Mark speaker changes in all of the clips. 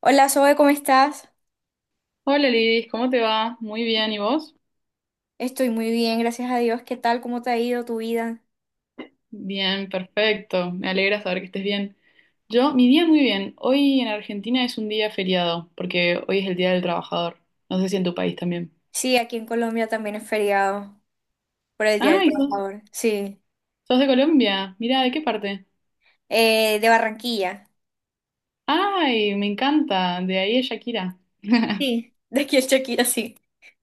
Speaker 1: Hola Zoe, ¿cómo estás?
Speaker 2: Hola Lidis, ¿cómo te va? Muy bien, ¿y vos?
Speaker 1: Estoy muy bien, gracias a Dios. ¿Qué tal? ¿Cómo te ha ido tu vida?
Speaker 2: Bien, perfecto. Me alegra saber que estés bien. Yo, mi día muy bien. Hoy en Argentina es un día feriado, porque hoy es el Día del Trabajador. No sé si en tu país también.
Speaker 1: Sí, aquí en Colombia también es feriado por el Día del
Speaker 2: ¡Ay! ¿Sos,
Speaker 1: Trabajador. Sí.
Speaker 2: sos de Colombia? Mira, ¿de qué parte?
Speaker 1: De Barranquilla.
Speaker 2: ¡Ay! Me encanta. De ahí es Shakira.
Speaker 1: Sí, de aquí en Shakira, sí.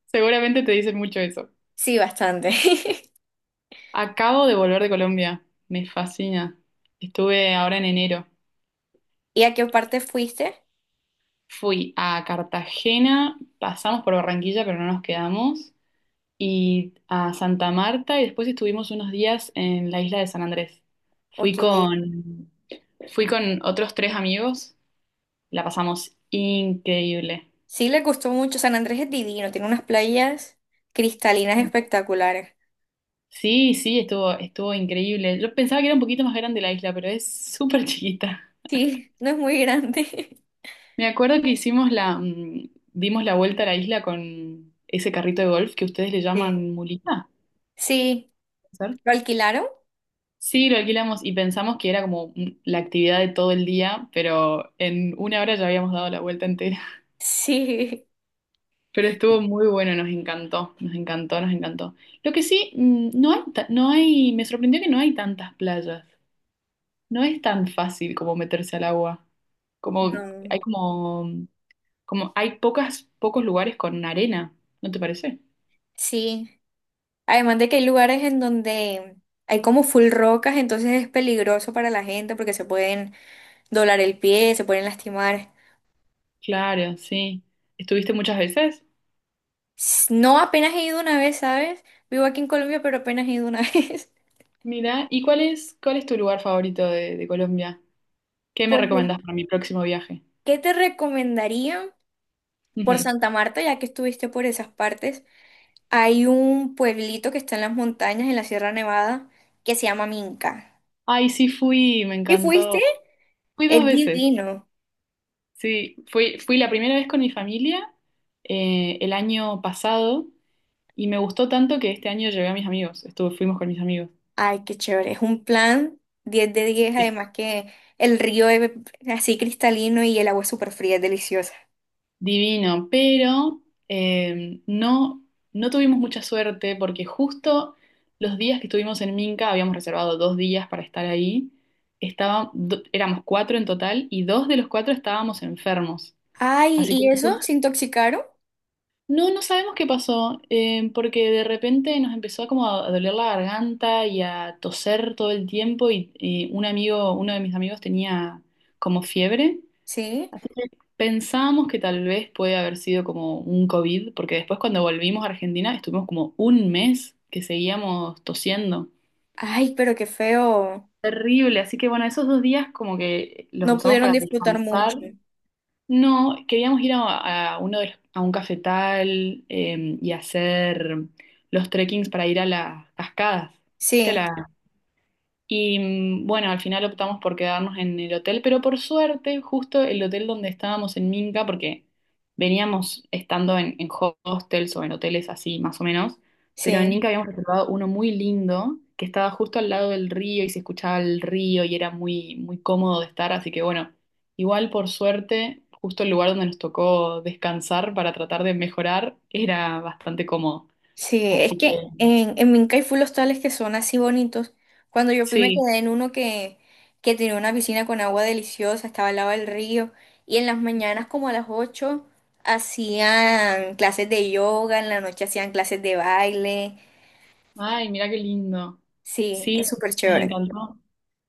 Speaker 2: Seguramente te dicen mucho eso.
Speaker 1: Sí, bastante.
Speaker 2: Acabo de volver de Colombia. Me fascina. Estuve ahora en enero.
Speaker 1: ¿Y a qué parte fuiste?
Speaker 2: Fui a Cartagena, pasamos por Barranquilla, pero no nos quedamos, y a Santa Marta y después estuvimos unos días en la isla de San Andrés. Fui
Speaker 1: Ok.
Speaker 2: con, fui con otros tres amigos, la pasamos increíble.
Speaker 1: Sí, le gustó mucho. San Andrés es divino, tiene unas playas cristalinas espectaculares.
Speaker 2: Sí, sí, estuvo increíble. Yo pensaba que era un poquito más grande la isla, pero es súper chiquita.
Speaker 1: Sí, no es muy grande.
Speaker 2: Me acuerdo que dimos la vuelta a la isla con ese carrito de golf que ustedes le
Speaker 1: Sí.
Speaker 2: llaman mulita.
Speaker 1: Sí.
Speaker 2: ¿Puede ser?
Speaker 1: ¿Lo alquilaron?
Speaker 2: Sí, lo alquilamos y pensamos que era como la actividad de todo el día, pero en una hora ya habíamos dado la vuelta entera.
Speaker 1: Sí.
Speaker 2: Pero estuvo muy bueno, nos encantó, nos encantó, nos encantó. Lo que sí, mm, no hay, ta- no hay, me sorprendió que no hay tantas playas. No es tan fácil como meterse al agua. Como
Speaker 1: No.
Speaker 2: hay como, como hay pocas, pocos lugares con arena, ¿no te parece?
Speaker 1: Sí. Además de que hay lugares en donde hay como full rocas, entonces es peligroso para la gente porque se pueden doblar el pie, se pueden lastimar.
Speaker 2: Claro, sí. ¿Estuviste muchas veces?
Speaker 1: S- No, apenas he ido una vez, ¿sabes? Vivo aquí en Colombia, pero apenas he ido una vez.
Speaker 2: Mira, ¿y cuál es tu lugar favorito de, Colombia? ¿Qué me
Speaker 1: Pues,
Speaker 2: recomendás para mi próximo viaje?
Speaker 1: ¿qué te recomendaría? Por
Speaker 2: Ujú.
Speaker 1: Santa Marta, ya que estuviste por esas partes, hay un pueblito que está en las montañas, en la Sierra Nevada, que se llama Minca.
Speaker 2: Ay, sí fui, me
Speaker 1: ¿Y fuiste?
Speaker 2: encantó. Fui dos
Speaker 1: Es
Speaker 2: veces.
Speaker 1: divino.
Speaker 2: Sí, fui la primera vez con mi familia el año pasado y me gustó tanto que este año llevé a mis amigos, estuve, fuimos con mis amigos.
Speaker 1: Ay, qué chévere. Es un plan 10 de 10,
Speaker 2: Sí.
Speaker 1: además que el río es así cristalino y el agua es súper fría, es deliciosa.
Speaker 2: Divino, pero no, no tuvimos mucha suerte porque justo los días que estuvimos en Minca, habíamos reservado 2 días para estar ahí, éramos cuatro en total y dos de los cuatro estábamos enfermos,
Speaker 1: Ay,
Speaker 2: así que
Speaker 1: ¿y
Speaker 2: no.
Speaker 1: eso? ¿Se intoxicaron?
Speaker 2: No, no sabemos qué pasó, porque de repente nos empezó como a doler la garganta y a toser todo el tiempo y un amigo, uno de mis amigos tenía como fiebre,
Speaker 1: Sí.
Speaker 2: así que pensábamos que tal vez puede haber sido como un COVID, porque después cuando volvimos a Argentina estuvimos como un mes que seguíamos tosiendo.
Speaker 1: Ay, pero qué feo.
Speaker 2: Terrible, así que bueno, esos dos días como que los
Speaker 1: No
Speaker 2: usamos
Speaker 1: pudieron
Speaker 2: para
Speaker 1: disfrutar
Speaker 2: descansar.
Speaker 1: mucho.
Speaker 2: No, queríamos ir a a un cafetal y hacer los trekkings para ir a las cascadas. ¿Viste
Speaker 1: Sí,
Speaker 2: la- y mm, Bueno, al final optamos por quedarnos en el hotel, pero por suerte, justo el hotel donde estábamos en Minca, porque veníamos estando en hostels o en hoteles así, más o menos, pero en
Speaker 1: sí.
Speaker 2: Minca habíamos reservado uno muy lindo que estaba justo al lado del río y se escuchaba el río y era muy, muy cómodo de estar, así que bueno, igual por suerte, justo el lugar donde nos tocó descansar para tratar de mejorar era bastante cómodo.
Speaker 1: Sí, es
Speaker 2: Así
Speaker 1: que
Speaker 2: que
Speaker 1: en Minca hay full hostales que son así bonitos. Cuando yo fui me
Speaker 2: sí.
Speaker 1: quedé en uno que tenía una piscina con agua deliciosa, estaba al lado del río. Y en las mañanas como a las 8 hacían clases de yoga, en la noche hacían clases de baile.
Speaker 2: Ay, mira qué lindo.
Speaker 1: Sí,
Speaker 2: Sí,
Speaker 1: es súper
Speaker 2: nos
Speaker 1: chévere.
Speaker 2: encantó.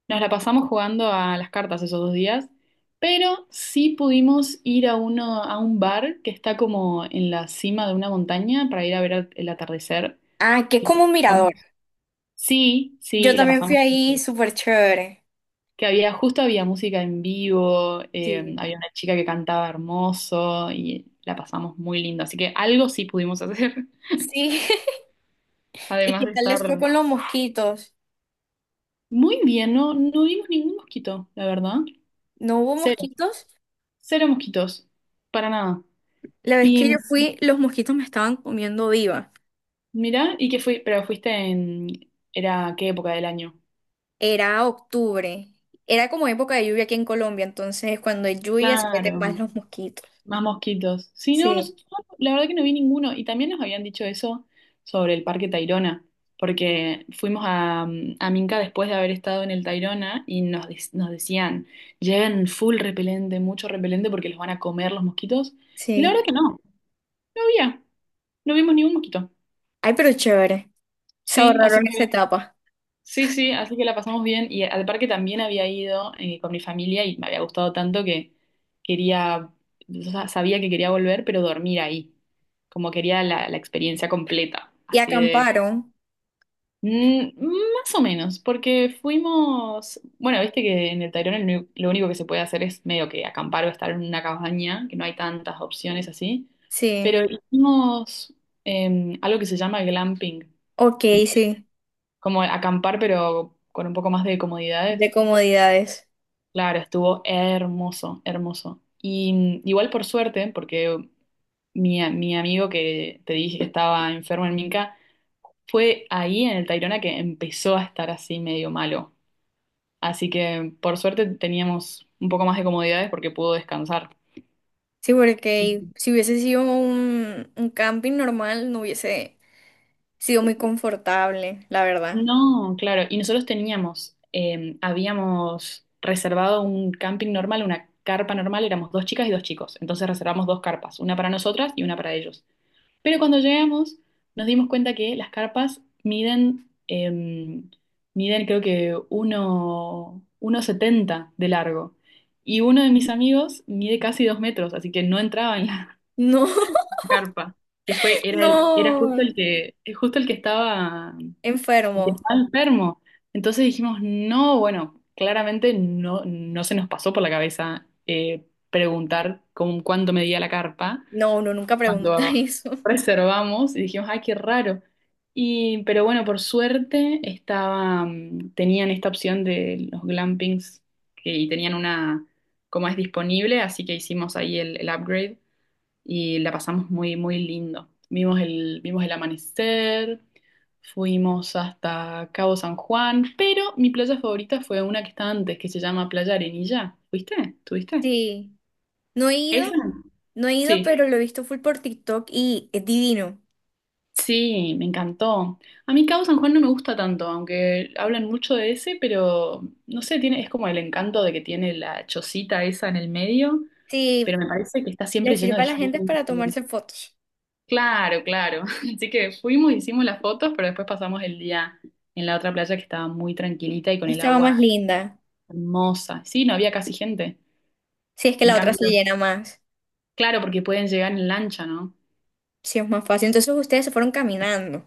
Speaker 2: Nos la pasamos jugando a las cartas esos dos días, pero sí pudimos ir a uno, a un bar que está como en la cima de una montaña para ir a ver el atardecer.
Speaker 1: Ah, que es
Speaker 2: Y la
Speaker 1: como un
Speaker 2: pasamos-
Speaker 1: mirador.
Speaker 2: Sí,
Speaker 1: Yo
Speaker 2: sí, la
Speaker 1: también fui
Speaker 2: pasamos muy
Speaker 1: ahí,
Speaker 2: bien.
Speaker 1: súper chévere.
Speaker 2: Que había, justo había música en vivo,
Speaker 1: Sí.
Speaker 2: había una chica que cantaba hermoso y la pasamos muy lindo. Así que algo sí pudimos hacer.
Speaker 1: Sí, ¿y
Speaker 2: Además
Speaker 1: qué
Speaker 2: de
Speaker 1: tal les fue
Speaker 2: estar
Speaker 1: con los mosquitos?
Speaker 2: muy bien, no, no vimos ningún mosquito, la verdad.
Speaker 1: ¿No hubo mosquitos?
Speaker 2: Cero mosquitos, para nada.
Speaker 1: La vez que
Speaker 2: Y
Speaker 1: yo fui, los mosquitos me estaban comiendo viva.
Speaker 2: mirá, ¿y qué fui? Pero fuiste en. ¿Era qué época del año?
Speaker 1: Era octubre. Era como época de lluvia aquí en Colombia, entonces cuando hay lluvia se meten más
Speaker 2: Claro,
Speaker 1: los mosquitos.
Speaker 2: más mosquitos. Sí, no,
Speaker 1: Sí,
Speaker 2: nosotros, no, la verdad que no vi ninguno. Y también nos habían dicho eso sobre el Parque Tayrona, porque fuimos a Minca después de haber estado en el Tayrona y nos decían, lleven full repelente, mucho repelente, porque los van a comer los mosquitos. Y la verdad
Speaker 1: sí.
Speaker 2: que no, no había, no vimos ningún mosquito.
Speaker 1: Ay, pero chévere. Se
Speaker 2: Sí, así
Speaker 1: ahorraron esa
Speaker 2: que
Speaker 1: etapa.
Speaker 2: sí, sí, así que la pasamos bien. Y al parque también había ido con mi familia y me había gustado tanto que quería, o sea, sabía que quería volver, pero dormir ahí. Como quería la experiencia completa.
Speaker 1: Y
Speaker 2: Así de.
Speaker 1: acamparon.
Speaker 2: Más o menos, porque fuimos. Bueno, viste que en el Tayrona lo único que se puede hacer es medio que acampar o estar en una cabaña, que no hay tantas opciones así.
Speaker 1: Sí.
Speaker 2: Pero hicimos algo que se llama glamping
Speaker 1: Ok, sí.
Speaker 2: como acampar, pero con un poco más de
Speaker 1: De
Speaker 2: comodidades.
Speaker 1: comodidades.
Speaker 2: Claro, estuvo hermoso, hermoso. Y igual por suerte, porque mi amigo que te dije que estaba enfermo en Minca, fue ahí en el Tayrona que empezó a estar así medio malo. Así que por suerte teníamos un poco más de comodidades porque pudo descansar.
Speaker 1: Sí, porque si hubiese sido un camping normal, no hubiese sido muy confortable, la verdad.
Speaker 2: No, claro. Y nosotros teníamos, habíamos reservado un camping normal, una carpa normal, éramos dos chicas y dos chicos. Entonces reservamos dos carpas, una para nosotras y una para ellos. Pero cuando llegamos, nos dimos cuenta que las carpas miden creo que 1,70 de largo. Y uno de mis amigos mide casi 2 metros, así que no entraba en la
Speaker 1: No,
Speaker 2: carpa. Que fue, era el, era justo
Speaker 1: no.
Speaker 2: el que
Speaker 1: Enfermo.
Speaker 2: estaba enfermo. Entonces dijimos, no, bueno, claramente no, no se nos pasó por la cabeza preguntar con cuánto medía la carpa
Speaker 1: No, uno nunca pregunta
Speaker 2: cuando
Speaker 1: eso.
Speaker 2: reservamos y dijimos, ay, qué raro. Y, pero bueno, por suerte estaba, tenían esta opción de los glampings y tenían una, como es disponible, así que hicimos ahí el upgrade y la pasamos muy, muy lindo. Vimos el amanecer, fuimos hasta Cabo San Juan, pero mi playa favorita fue una que está antes, que se llama Playa Arenilla. ¿Fuiste? ¿Tuviste?
Speaker 1: Sí. No he ido,
Speaker 2: ¿Esa?
Speaker 1: no he ido,
Speaker 2: Sí.
Speaker 1: pero lo he visto full por TikTok y es divino.
Speaker 2: Sí, me encantó. A mí Cabo San Juan no me gusta tanto, aunque hablan mucho de ese, pero no sé, es como el encanto de que tiene la chocita esa en el medio,
Speaker 1: Sí,
Speaker 2: pero me parece que está
Speaker 1: le
Speaker 2: siempre lleno
Speaker 1: sirve
Speaker 2: de
Speaker 1: a la gente es
Speaker 2: gente.
Speaker 1: para tomarse fotos.
Speaker 2: Claro, claro. Así que fuimos, hicimos las fotos, pero después pasamos el día en la otra playa que estaba muy tranquilita y con el
Speaker 1: Esta
Speaker 2: agua
Speaker 1: más linda.
Speaker 2: hermosa. Sí, no había casi gente.
Speaker 1: Si es que
Speaker 2: En
Speaker 1: la otra se
Speaker 2: cambio,
Speaker 1: llena más,
Speaker 2: claro, porque pueden llegar en lancha, ¿no?
Speaker 1: si es más fácil. Entonces ustedes se fueron caminando,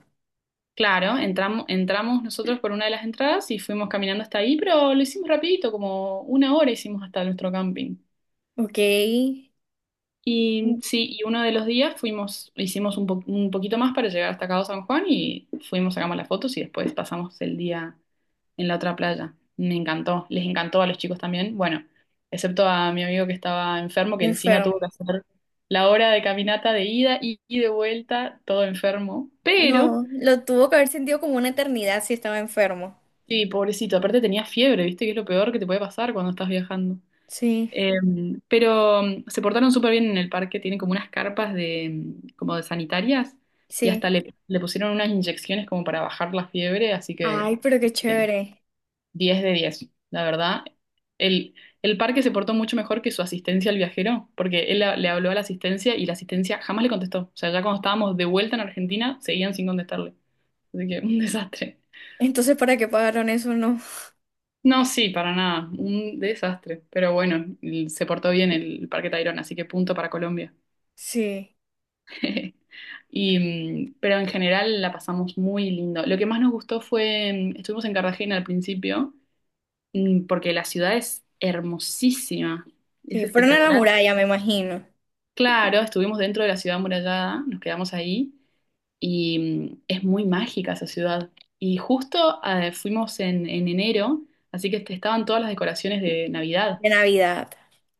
Speaker 2: Claro, entramos nosotros por una de las entradas y fuimos caminando hasta ahí, pero lo hicimos rapidito, como una hora hicimos hasta nuestro camping.
Speaker 1: ¿ok?
Speaker 2: Y sí, y uno de los días fuimos, hicimos un poquito más para llegar hasta Cabo San Juan y fuimos, sacamos las fotos y después pasamos el día en la otra playa. Me encantó, les encantó a los chicos también. Bueno, excepto a mi amigo que estaba enfermo, que encima
Speaker 1: Enfermo.
Speaker 2: tuvo que hacer la hora de caminata de ida y de vuelta, todo enfermo. Pero,
Speaker 1: No, lo tuvo que haber sentido como una eternidad si estaba enfermo.
Speaker 2: sí, pobrecito, aparte tenía fiebre, ¿viste? Que es lo peor que te puede pasar cuando estás viajando.
Speaker 1: Sí,
Speaker 2: Pero se portaron súper bien en el parque, tienen como unas carpas de, como de sanitarias y hasta
Speaker 1: sí.
Speaker 2: le pusieron unas inyecciones como para bajar la fiebre, así que
Speaker 1: Ay, pero qué
Speaker 2: bien,
Speaker 1: chévere.
Speaker 2: 10 de 10, la verdad. El, el parque se portó mucho mejor que su asistencia al viajero, porque le habló a la asistencia y la asistencia jamás le contestó. O sea, ya cuando estábamos de vuelta en Argentina, seguían sin contestarle. Así que un desastre.
Speaker 1: Entonces, ¿para qué pagaron eso? No.
Speaker 2: No, sí, para nada, un desastre. Pero bueno, se portó bien el Parque Tayrona, así que punto para Colombia.
Speaker 1: Sí,
Speaker 2: Y, pero en general la pasamos muy lindo. Lo que más nos gustó fue, estuvimos en Cartagena al principio, porque la ciudad es hermosísima, es
Speaker 1: sí. Fueron a la
Speaker 2: espectacular.
Speaker 1: muralla, me imagino.
Speaker 2: Claro, estuvimos dentro de la ciudad amurallada, nos quedamos ahí y es muy mágica esa ciudad. Y justo fuimos en enero, así que estaban todas las decoraciones de Navidad.
Speaker 1: De Navidad.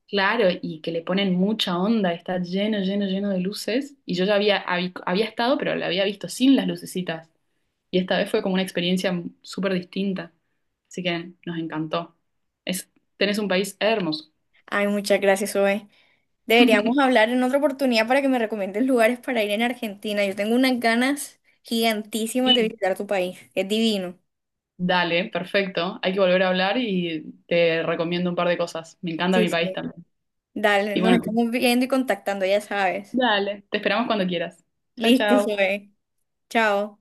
Speaker 2: Claro, y que le ponen mucha onda, está lleno, lleno, lleno de luces. Y yo ya había estado, pero la había visto sin las lucecitas. Y esta vez fue como una experiencia súper distinta. Así que nos encantó. Es, tenés un país hermoso.
Speaker 1: Ay, muchas gracias, Zoe. Deberíamos hablar en otra oportunidad para que me recomiendes lugares para ir en Argentina. Yo tengo unas ganas gigantísimas de
Speaker 2: Y
Speaker 1: visitar tu país. Es divino.
Speaker 2: dale, perfecto. Hay que volver a hablar y te recomiendo un par de cosas. Me encanta
Speaker 1: Sí,
Speaker 2: mi país
Speaker 1: sí.
Speaker 2: también.
Speaker 1: Dale,
Speaker 2: Y
Speaker 1: nos
Speaker 2: bueno,
Speaker 1: estamos viendo y contactando, ya sabes.
Speaker 2: dale, te esperamos cuando quieras. Chao,
Speaker 1: Listo,
Speaker 2: chao.
Speaker 1: Zoe. Chao.